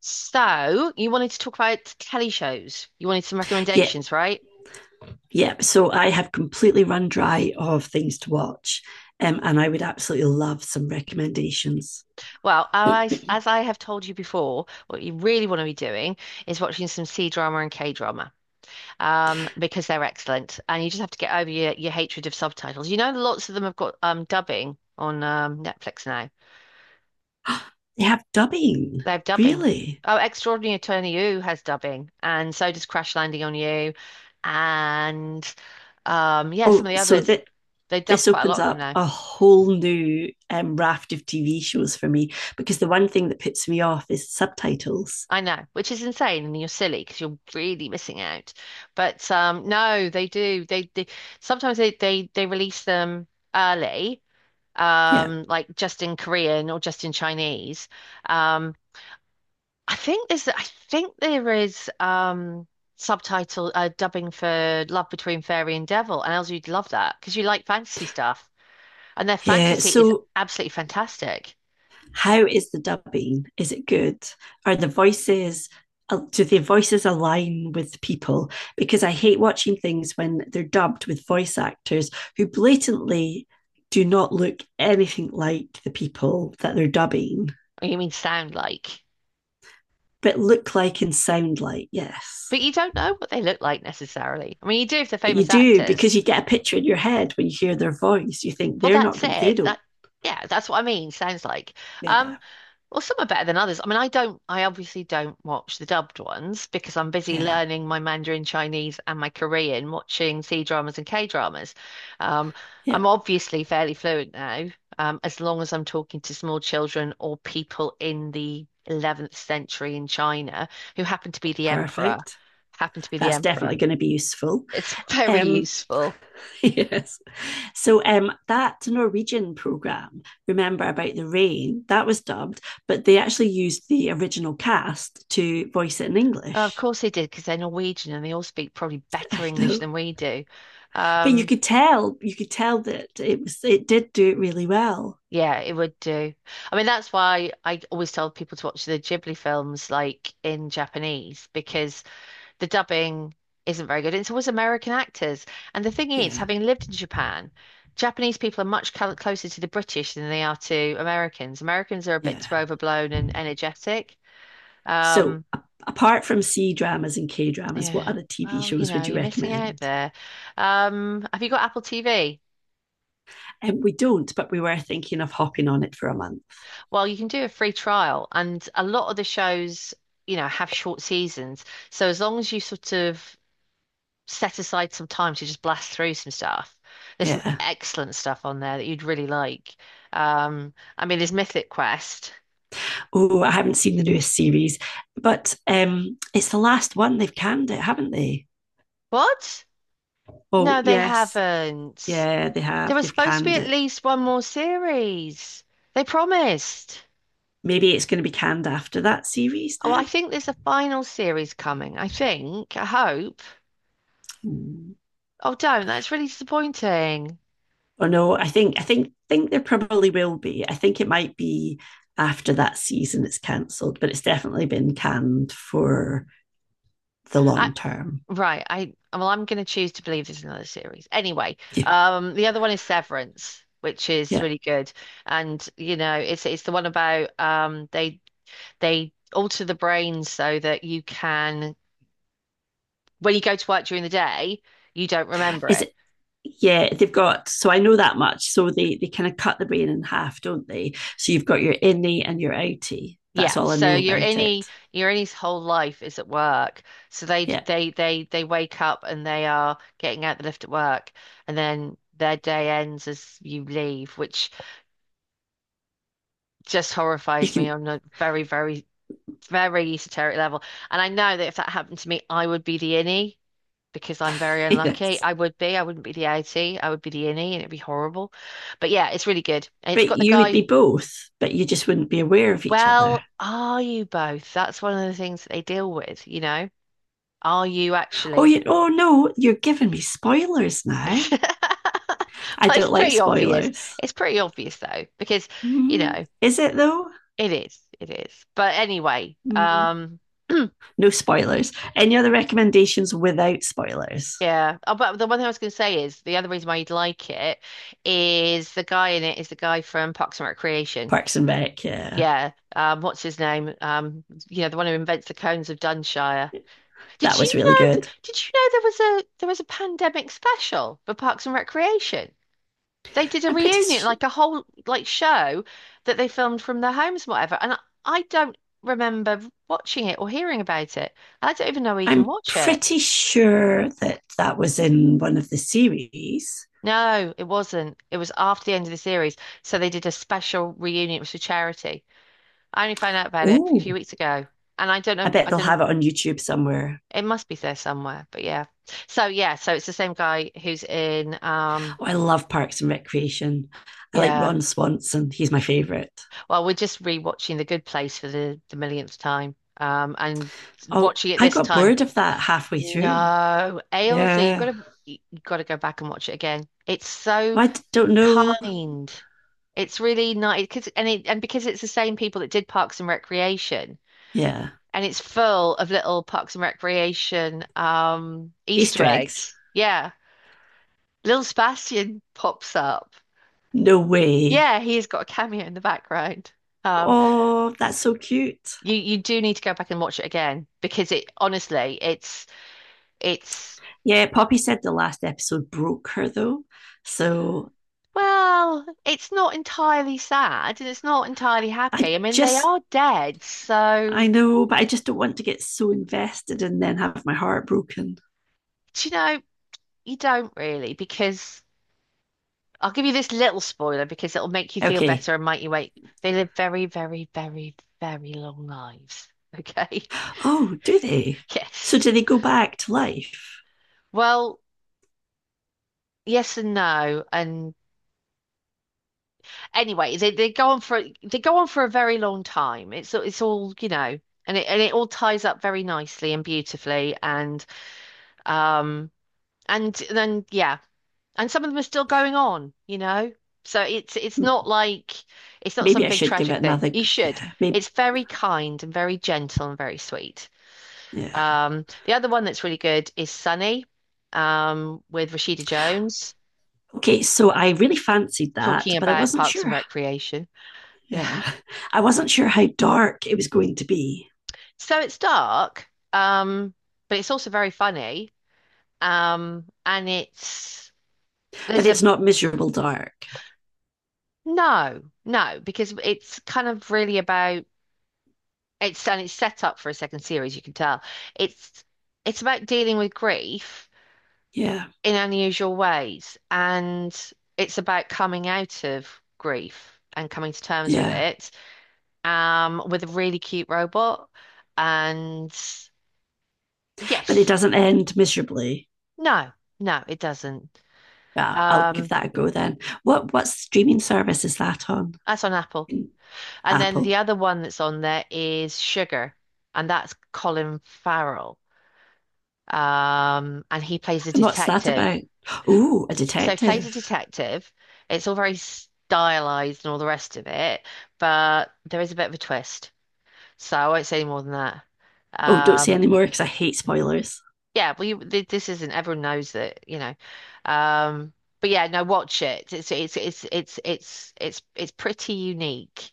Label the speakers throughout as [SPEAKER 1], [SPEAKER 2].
[SPEAKER 1] So, you wanted to talk about telly shows. You wanted some
[SPEAKER 2] Yeah,
[SPEAKER 1] recommendations, right?
[SPEAKER 2] yeah. So I have completely run dry of things to watch, and I would absolutely love some recommendations.
[SPEAKER 1] Well, I, as I have told you before, what you really want to be doing is watching some C drama and K drama, because they're excellent, and you just have to get over your hatred of subtitles. You know, lots of them have got dubbing on Netflix now.
[SPEAKER 2] Mm, they have dubbing,
[SPEAKER 1] They have dubbing.
[SPEAKER 2] really.
[SPEAKER 1] Oh, Extraordinary Attorney Woo has dubbing, and so does Crash Landing on You, and yeah, some of
[SPEAKER 2] Oh,
[SPEAKER 1] the
[SPEAKER 2] so
[SPEAKER 1] others.
[SPEAKER 2] that
[SPEAKER 1] They dub
[SPEAKER 2] this
[SPEAKER 1] quite a
[SPEAKER 2] opens
[SPEAKER 1] lot of them.
[SPEAKER 2] up a whole new raft of TV shows for me because the one thing that puts me off is subtitles.
[SPEAKER 1] I know, which is insane, and you're silly because you're really missing out. But no, they do. They sometimes they release them early,
[SPEAKER 2] Yeah.
[SPEAKER 1] like just in Korean or just in Chinese. Um, I think there's I think there is subtitle dubbing for Love Between Fairy and Devil, and Elsie, you'd love that because you like fantasy stuff, and their
[SPEAKER 2] Yeah,
[SPEAKER 1] fantasy is
[SPEAKER 2] so
[SPEAKER 1] absolutely fantastic.
[SPEAKER 2] how is the dubbing? Is it good? Are the voices do the voices align with people? Because I hate watching things when they're dubbed with voice actors who blatantly do not look anything like the people that they're dubbing,
[SPEAKER 1] You mean sound like?
[SPEAKER 2] but look like and sound like, yes.
[SPEAKER 1] But you don't know what they look like necessarily. I mean, you do if they're
[SPEAKER 2] But you
[SPEAKER 1] famous
[SPEAKER 2] do
[SPEAKER 1] actors.
[SPEAKER 2] because you get a picture in your head when you hear their voice. You think
[SPEAKER 1] Well,
[SPEAKER 2] they're not
[SPEAKER 1] that's
[SPEAKER 2] good, they
[SPEAKER 1] it.
[SPEAKER 2] don't.
[SPEAKER 1] That, yeah, that's what I mean. Sounds like.
[SPEAKER 2] Yeah,
[SPEAKER 1] Um, well, some are better than others. I mean, I obviously don't watch the dubbed ones because I'm busy
[SPEAKER 2] yeah,
[SPEAKER 1] learning my Mandarin Chinese and my Korean, watching C dramas and K dramas. Um,
[SPEAKER 2] yeah,
[SPEAKER 1] I'm obviously fairly fluent now, as long as I'm talking to small children or people in the 11th century in China who happen to be the emperor,
[SPEAKER 2] perfect.
[SPEAKER 1] happen to be the
[SPEAKER 2] That's definitely
[SPEAKER 1] emperor.
[SPEAKER 2] going to be useful.
[SPEAKER 1] It's very
[SPEAKER 2] Um,
[SPEAKER 1] useful.
[SPEAKER 2] yes. So that Norwegian program, remember, about the rain, that was dubbed, but they actually used the original cast to voice it in
[SPEAKER 1] Of
[SPEAKER 2] English.
[SPEAKER 1] course they did because they're Norwegian and they all speak probably
[SPEAKER 2] I
[SPEAKER 1] better English
[SPEAKER 2] know,
[SPEAKER 1] than we do.
[SPEAKER 2] but
[SPEAKER 1] Um,
[SPEAKER 2] you could tell that it did do it really well.
[SPEAKER 1] yeah, it would do. I mean, that's why I always tell people to watch the Ghibli films like in Japanese because the dubbing isn't very good. It's always American actors. And the thing is,
[SPEAKER 2] Yeah,
[SPEAKER 1] having lived in Japan, Japanese people are much closer to the British than they are to Americans. Americans are a bit too
[SPEAKER 2] yeah.
[SPEAKER 1] overblown and energetic.
[SPEAKER 2] So
[SPEAKER 1] Um,
[SPEAKER 2] apart from C dramas and K dramas, what
[SPEAKER 1] Yeah.
[SPEAKER 2] other TV
[SPEAKER 1] Well, you
[SPEAKER 2] shows
[SPEAKER 1] know,
[SPEAKER 2] would you
[SPEAKER 1] you're missing out
[SPEAKER 2] recommend?
[SPEAKER 1] there. Have you got Apple TV?
[SPEAKER 2] And we don't, but we were thinking of hopping on it for a month.
[SPEAKER 1] Well, you can do a free trial, and a lot of the shows, you know, have short seasons. So as long as you sort of set aside some time to just blast through some stuff, there's some
[SPEAKER 2] Yeah.
[SPEAKER 1] excellent stuff on there that you'd really like. Um, I mean, there's Mythic Quest.
[SPEAKER 2] Oh, I haven't seen the newest series, but it's the last one. They've canned it, haven't they?
[SPEAKER 1] What?
[SPEAKER 2] Oh,
[SPEAKER 1] No, they
[SPEAKER 2] yes.
[SPEAKER 1] haven't.
[SPEAKER 2] Yeah, they
[SPEAKER 1] There
[SPEAKER 2] have.
[SPEAKER 1] was
[SPEAKER 2] They've
[SPEAKER 1] supposed to be
[SPEAKER 2] canned
[SPEAKER 1] at
[SPEAKER 2] it.
[SPEAKER 1] least one more series. They promised.
[SPEAKER 2] Maybe it's going to be canned after that series
[SPEAKER 1] Well, I
[SPEAKER 2] then.
[SPEAKER 1] think there's a final series coming. I think. I hope.
[SPEAKER 2] Hmm.
[SPEAKER 1] Oh, don't. That's really disappointing.
[SPEAKER 2] Oh no, I think I think there probably will be. I think it might be after that season it's cancelled, but it's definitely been canned for the
[SPEAKER 1] I
[SPEAKER 2] long term.
[SPEAKER 1] right. I well, I'm going to choose to believe there's another series. Anyway,
[SPEAKER 2] Yeah.
[SPEAKER 1] the other one is Severance, which is
[SPEAKER 2] Yeah.
[SPEAKER 1] really good, and you know, it's the one about they alter the brain so that you can when you go to work during the day, you don't remember
[SPEAKER 2] Is
[SPEAKER 1] it.
[SPEAKER 2] it yeah, they've got, so I know that much. So they kind of cut the brain in half, don't they? So you've got your innie and your outie. That's
[SPEAKER 1] Yeah,
[SPEAKER 2] all I
[SPEAKER 1] so
[SPEAKER 2] know about it.
[SPEAKER 1] your any's whole life is at work. So they
[SPEAKER 2] Yeah.
[SPEAKER 1] they they they wake up and they are getting out the lift at work, and then their day ends as you leave, which just
[SPEAKER 2] You
[SPEAKER 1] horrifies me
[SPEAKER 2] can
[SPEAKER 1] on a very very very esoteric level. And I know that if that happened to me, I would be the innie because I'm very unlucky.
[SPEAKER 2] yes.
[SPEAKER 1] I would be. I wouldn't be the outie. I would be the innie, and it'd be horrible. But yeah, it's really good. And it's
[SPEAKER 2] But
[SPEAKER 1] got the
[SPEAKER 2] you would
[SPEAKER 1] guy.
[SPEAKER 2] be both, but you just wouldn't be aware of each other.
[SPEAKER 1] Well, are you both? That's one of the things that they deal with, you know. Are you
[SPEAKER 2] Oh
[SPEAKER 1] actually?
[SPEAKER 2] you oh no, you're giving me spoilers now. I
[SPEAKER 1] Well, it's
[SPEAKER 2] don't like
[SPEAKER 1] pretty obvious.
[SPEAKER 2] spoilers.
[SPEAKER 1] It's pretty obvious though, because you
[SPEAKER 2] Mm,
[SPEAKER 1] know
[SPEAKER 2] is it though?
[SPEAKER 1] it is. It is. But anyway,
[SPEAKER 2] Mm, no spoilers. Any other recommendations without spoilers?
[SPEAKER 1] yeah. Oh, but the one thing I was going to say is the other reason why you'd like it is the guy in it is the guy from Parks and Recreation.
[SPEAKER 2] Parks and Rec, yeah,
[SPEAKER 1] Yeah. What's his name? You know, the one who invents the cones of Dunshire. Did
[SPEAKER 2] that was
[SPEAKER 1] you
[SPEAKER 2] really
[SPEAKER 1] know?
[SPEAKER 2] good.
[SPEAKER 1] Did you know there was a pandemic special for Parks and Recreation? They did a
[SPEAKER 2] I'm pretty.
[SPEAKER 1] reunion,
[SPEAKER 2] Sh-
[SPEAKER 1] like a whole like show that they filmed from their homes and whatever. And I don't remember watching it or hearing about it. I don't even know where you can
[SPEAKER 2] I'm
[SPEAKER 1] watch it.
[SPEAKER 2] pretty sure that that was in one of the series.
[SPEAKER 1] No, it wasn't. It was after the end of the series. So they did a special reunion. It was for charity. I only found out about it a few
[SPEAKER 2] Oh,
[SPEAKER 1] weeks ago. And I don't
[SPEAKER 2] I
[SPEAKER 1] know,
[SPEAKER 2] bet
[SPEAKER 1] I
[SPEAKER 2] they'll
[SPEAKER 1] don't know.
[SPEAKER 2] have it on YouTube somewhere.
[SPEAKER 1] It must be there somewhere, but yeah. So yeah, so it's the same guy who's in
[SPEAKER 2] Oh, I love Parks and Recreation. I like
[SPEAKER 1] yeah.
[SPEAKER 2] Ron Swanson. He's my favorite.
[SPEAKER 1] Well, we're just rewatching The Good Place for the millionth time. And
[SPEAKER 2] Oh,
[SPEAKER 1] watching it
[SPEAKER 2] I
[SPEAKER 1] this
[SPEAKER 2] got
[SPEAKER 1] time.
[SPEAKER 2] bored of that halfway through.
[SPEAKER 1] No, Ailsa, you've
[SPEAKER 2] Yeah.
[SPEAKER 1] got to you've got to go back and watch it again. It's so
[SPEAKER 2] Don't know.
[SPEAKER 1] kind. It's really nice because and it, and because it's the same people that did Parks and Recreation,
[SPEAKER 2] Yeah.
[SPEAKER 1] and it's full of little Parks and Recreation
[SPEAKER 2] Easter
[SPEAKER 1] Easter
[SPEAKER 2] eggs.
[SPEAKER 1] eggs. Yeah, little Sebastian pops up.
[SPEAKER 2] No way.
[SPEAKER 1] Yeah, he's got a cameo in the background. Um.
[SPEAKER 2] Oh, that's so cute.
[SPEAKER 1] You do need to go back and watch it again because it honestly it's
[SPEAKER 2] Yeah, Poppy said the last episode broke her though. So
[SPEAKER 1] well, it's not entirely sad and it's not entirely
[SPEAKER 2] I
[SPEAKER 1] happy. I mean they
[SPEAKER 2] just,
[SPEAKER 1] are dead,
[SPEAKER 2] I
[SPEAKER 1] so
[SPEAKER 2] know, but I just don't want to get so invested and then have my heart broken.
[SPEAKER 1] do you know you don't really because I'll give you this little spoiler because it'll make you feel
[SPEAKER 2] Okay.
[SPEAKER 1] better and make you wait. They live very very very very long lives. Okay.
[SPEAKER 2] Oh, do they? So
[SPEAKER 1] Yes.
[SPEAKER 2] do they go back to life?
[SPEAKER 1] Well, yes and no, and anyway, they go on for a very long time. It's all, you know, and it all ties up very nicely and beautifully um and then yeah. And some of them are still going on, you know. So it's not like it's not some
[SPEAKER 2] Maybe I
[SPEAKER 1] big
[SPEAKER 2] should give
[SPEAKER 1] tragic
[SPEAKER 2] it
[SPEAKER 1] thing.
[SPEAKER 2] another.
[SPEAKER 1] You should.
[SPEAKER 2] Yeah, maybe.
[SPEAKER 1] It's very kind and very gentle and very sweet.
[SPEAKER 2] Yeah.
[SPEAKER 1] The other one that's really good is Sunny, with Rashida Jones,
[SPEAKER 2] Okay. So I really fancied that,
[SPEAKER 1] talking
[SPEAKER 2] but I
[SPEAKER 1] about
[SPEAKER 2] wasn't
[SPEAKER 1] Parks and
[SPEAKER 2] sure.
[SPEAKER 1] Recreation.
[SPEAKER 2] Yeah. I wasn't sure how dark it was going to be,
[SPEAKER 1] So it's dark, but it's also very funny. And it's
[SPEAKER 2] but
[SPEAKER 1] there's a
[SPEAKER 2] it's not miserable dark.
[SPEAKER 1] no, no, because it's kind of really about it's set up for a second series, you can tell. It's it's about dealing with grief
[SPEAKER 2] Yeah.
[SPEAKER 1] in unusual ways, and it's about coming out of grief and coming to terms with
[SPEAKER 2] Yeah,
[SPEAKER 1] it, with a really cute robot. And
[SPEAKER 2] but it
[SPEAKER 1] yes,
[SPEAKER 2] doesn't end miserably.
[SPEAKER 1] no, no, it doesn't.
[SPEAKER 2] Yeah, I'll give
[SPEAKER 1] Um,
[SPEAKER 2] that a go then. What streaming service is that on?
[SPEAKER 1] That's on Apple. And then the
[SPEAKER 2] Apple.
[SPEAKER 1] other one that's on there is Sugar, and that's Colin Farrell. And he plays a
[SPEAKER 2] And what's that
[SPEAKER 1] detective.
[SPEAKER 2] about? Oh, a
[SPEAKER 1] So he plays a
[SPEAKER 2] detective.
[SPEAKER 1] detective. It's all very stylized and all the rest of it, but there is a bit of a twist. So I won't say more than that.
[SPEAKER 2] Oh, don't say
[SPEAKER 1] Um,
[SPEAKER 2] any more because I hate spoilers.
[SPEAKER 1] yeah, well, you, th this isn't. Everyone knows that, you know. Um, but yeah, no, watch it. It's pretty unique.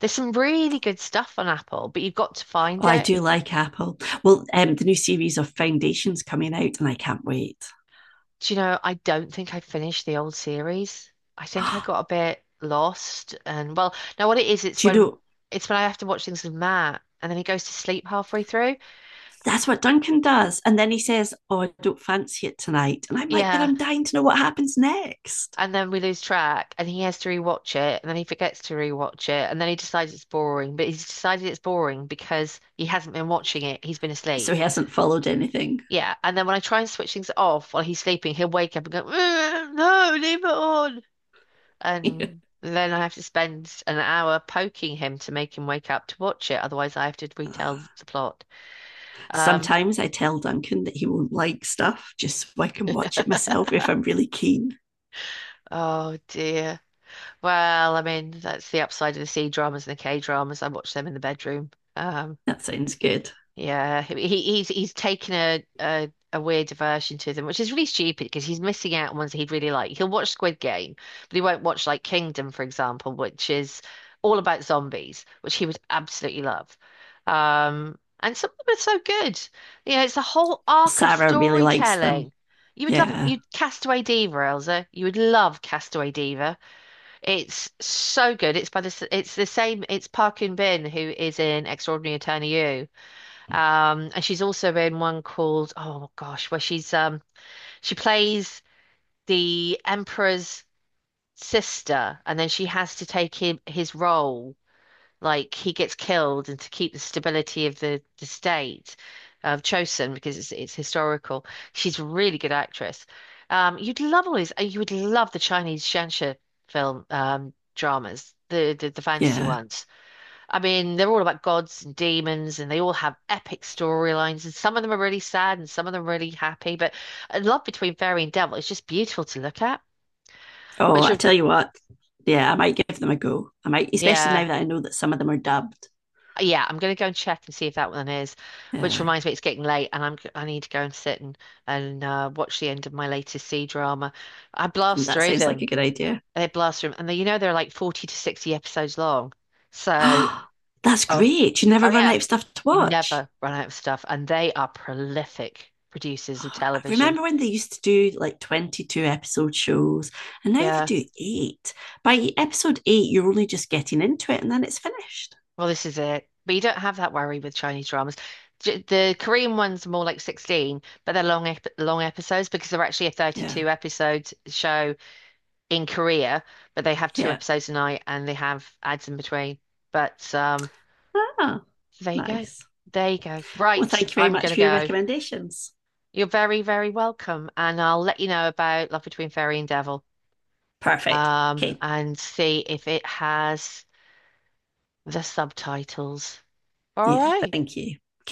[SPEAKER 1] There's some really good stuff on Apple, but you've got to find
[SPEAKER 2] Oh, I
[SPEAKER 1] it.
[SPEAKER 2] do like Apple. Well, the new series of Foundations coming out, and I can't wait.
[SPEAKER 1] Do you know, I don't think I finished the old series. I think I got a bit lost and well, now what it is, it's
[SPEAKER 2] do you
[SPEAKER 1] when
[SPEAKER 2] know
[SPEAKER 1] it's when I have to watch things with Matt and then he goes to sleep halfway through.
[SPEAKER 2] that's what Duncan does? And then he says, "Oh, I don't fancy it tonight," and I'm like, "But
[SPEAKER 1] Yeah.
[SPEAKER 2] I'm dying to know what happens next."
[SPEAKER 1] And then we lose track and he has to rewatch it and then he forgets to rewatch it and then he decides it's boring, but he's decided it's boring because he hasn't been watching it. He's been
[SPEAKER 2] So
[SPEAKER 1] asleep.
[SPEAKER 2] he hasn't followed anything.
[SPEAKER 1] Yeah, and then when I try and switch things off while he's sleeping, he'll wake up and go, "Mm, no, leave it on." And then I have to spend an hour poking him to make him wake up to watch it. Otherwise, I have to retell
[SPEAKER 2] Oh,
[SPEAKER 1] the plot. Um,
[SPEAKER 2] sometimes I tell Duncan that he won't like stuff just so I can watch it myself if I'm really keen.
[SPEAKER 1] oh dear. Well, I mean, that's the upside of the C dramas and the K dramas. I watch them in the bedroom. Um,
[SPEAKER 2] That sounds good.
[SPEAKER 1] Yeah, he's taken a weird diversion to them, which is really stupid because he's missing out on ones that he'd really like. He'll watch Squid Game, but he won't watch like Kingdom, for example, which is all about zombies, which he would absolutely love. And some of them are so good. You know, it's a whole arc of
[SPEAKER 2] Sarah really likes them.
[SPEAKER 1] storytelling. You would love
[SPEAKER 2] Yeah,
[SPEAKER 1] you'd Castaway Diva, Elsa. You would love Castaway Diva. It's so good. It's by the s- it's the same. It's Park Eun Bin who is in Extraordinary Attorney You. And she's also in one called, oh gosh, where she plays the emperor's sister, and then she has to take him his role, like he gets killed, and to keep the stability of the state of Chosen because it's historical. She's a really good actress. You'd love all these. You would love the Chinese Shanxia film dramas, the fantasy
[SPEAKER 2] yeah.
[SPEAKER 1] ones. I mean, they're all about gods and demons, and they all have epic storylines, and some of them are really sad and some of them are really happy. But love between fairy and devil is just beautiful to look at.
[SPEAKER 2] Oh,
[SPEAKER 1] Which,
[SPEAKER 2] I
[SPEAKER 1] re-
[SPEAKER 2] tell you what. Yeah, I might give them a go. I might, especially now
[SPEAKER 1] yeah,
[SPEAKER 2] that I know that some of them are dubbed.
[SPEAKER 1] yeah, I'm going to go and check and see if that one is. Which
[SPEAKER 2] Yeah,
[SPEAKER 1] reminds me, it's getting late, and I need to go and sit and watch the end of my latest C drama. I
[SPEAKER 2] and
[SPEAKER 1] blast
[SPEAKER 2] that
[SPEAKER 1] through
[SPEAKER 2] sounds like
[SPEAKER 1] them.
[SPEAKER 2] a good idea.
[SPEAKER 1] They blast through them, and they, you know they're like 40 to 60 episodes long. So,
[SPEAKER 2] That's
[SPEAKER 1] oh,
[SPEAKER 2] great. You never
[SPEAKER 1] oh
[SPEAKER 2] run out
[SPEAKER 1] yeah.
[SPEAKER 2] of stuff to
[SPEAKER 1] You
[SPEAKER 2] watch.
[SPEAKER 1] never run out of stuff, and they are prolific producers of
[SPEAKER 2] Oh, I
[SPEAKER 1] television.
[SPEAKER 2] remember when they used to do like 22 episode shows, and now they
[SPEAKER 1] Yeah,
[SPEAKER 2] do eight. By episode eight, you're only just getting into it, and then it's finished.
[SPEAKER 1] well, this is it. But you don't have that worry with Chinese dramas. The Korean ones are more like 16, but they're long episodes because they're actually a
[SPEAKER 2] Yeah.
[SPEAKER 1] 32 episode show in Korea, but they have two
[SPEAKER 2] Yeah.
[SPEAKER 1] episodes a night and they have ads in between. But
[SPEAKER 2] Ah,
[SPEAKER 1] there you go.
[SPEAKER 2] nice.
[SPEAKER 1] There you go.
[SPEAKER 2] Well,
[SPEAKER 1] Right,
[SPEAKER 2] thank you very
[SPEAKER 1] I'm
[SPEAKER 2] much
[SPEAKER 1] gonna
[SPEAKER 2] for your
[SPEAKER 1] go.
[SPEAKER 2] recommendations.
[SPEAKER 1] You're very, very welcome, and I'll let you know about Love Between Fairy and Devil.
[SPEAKER 2] Perfect. Okay.
[SPEAKER 1] And see if it has the subtitles. All
[SPEAKER 2] Yeah.
[SPEAKER 1] right.
[SPEAKER 2] Thank you.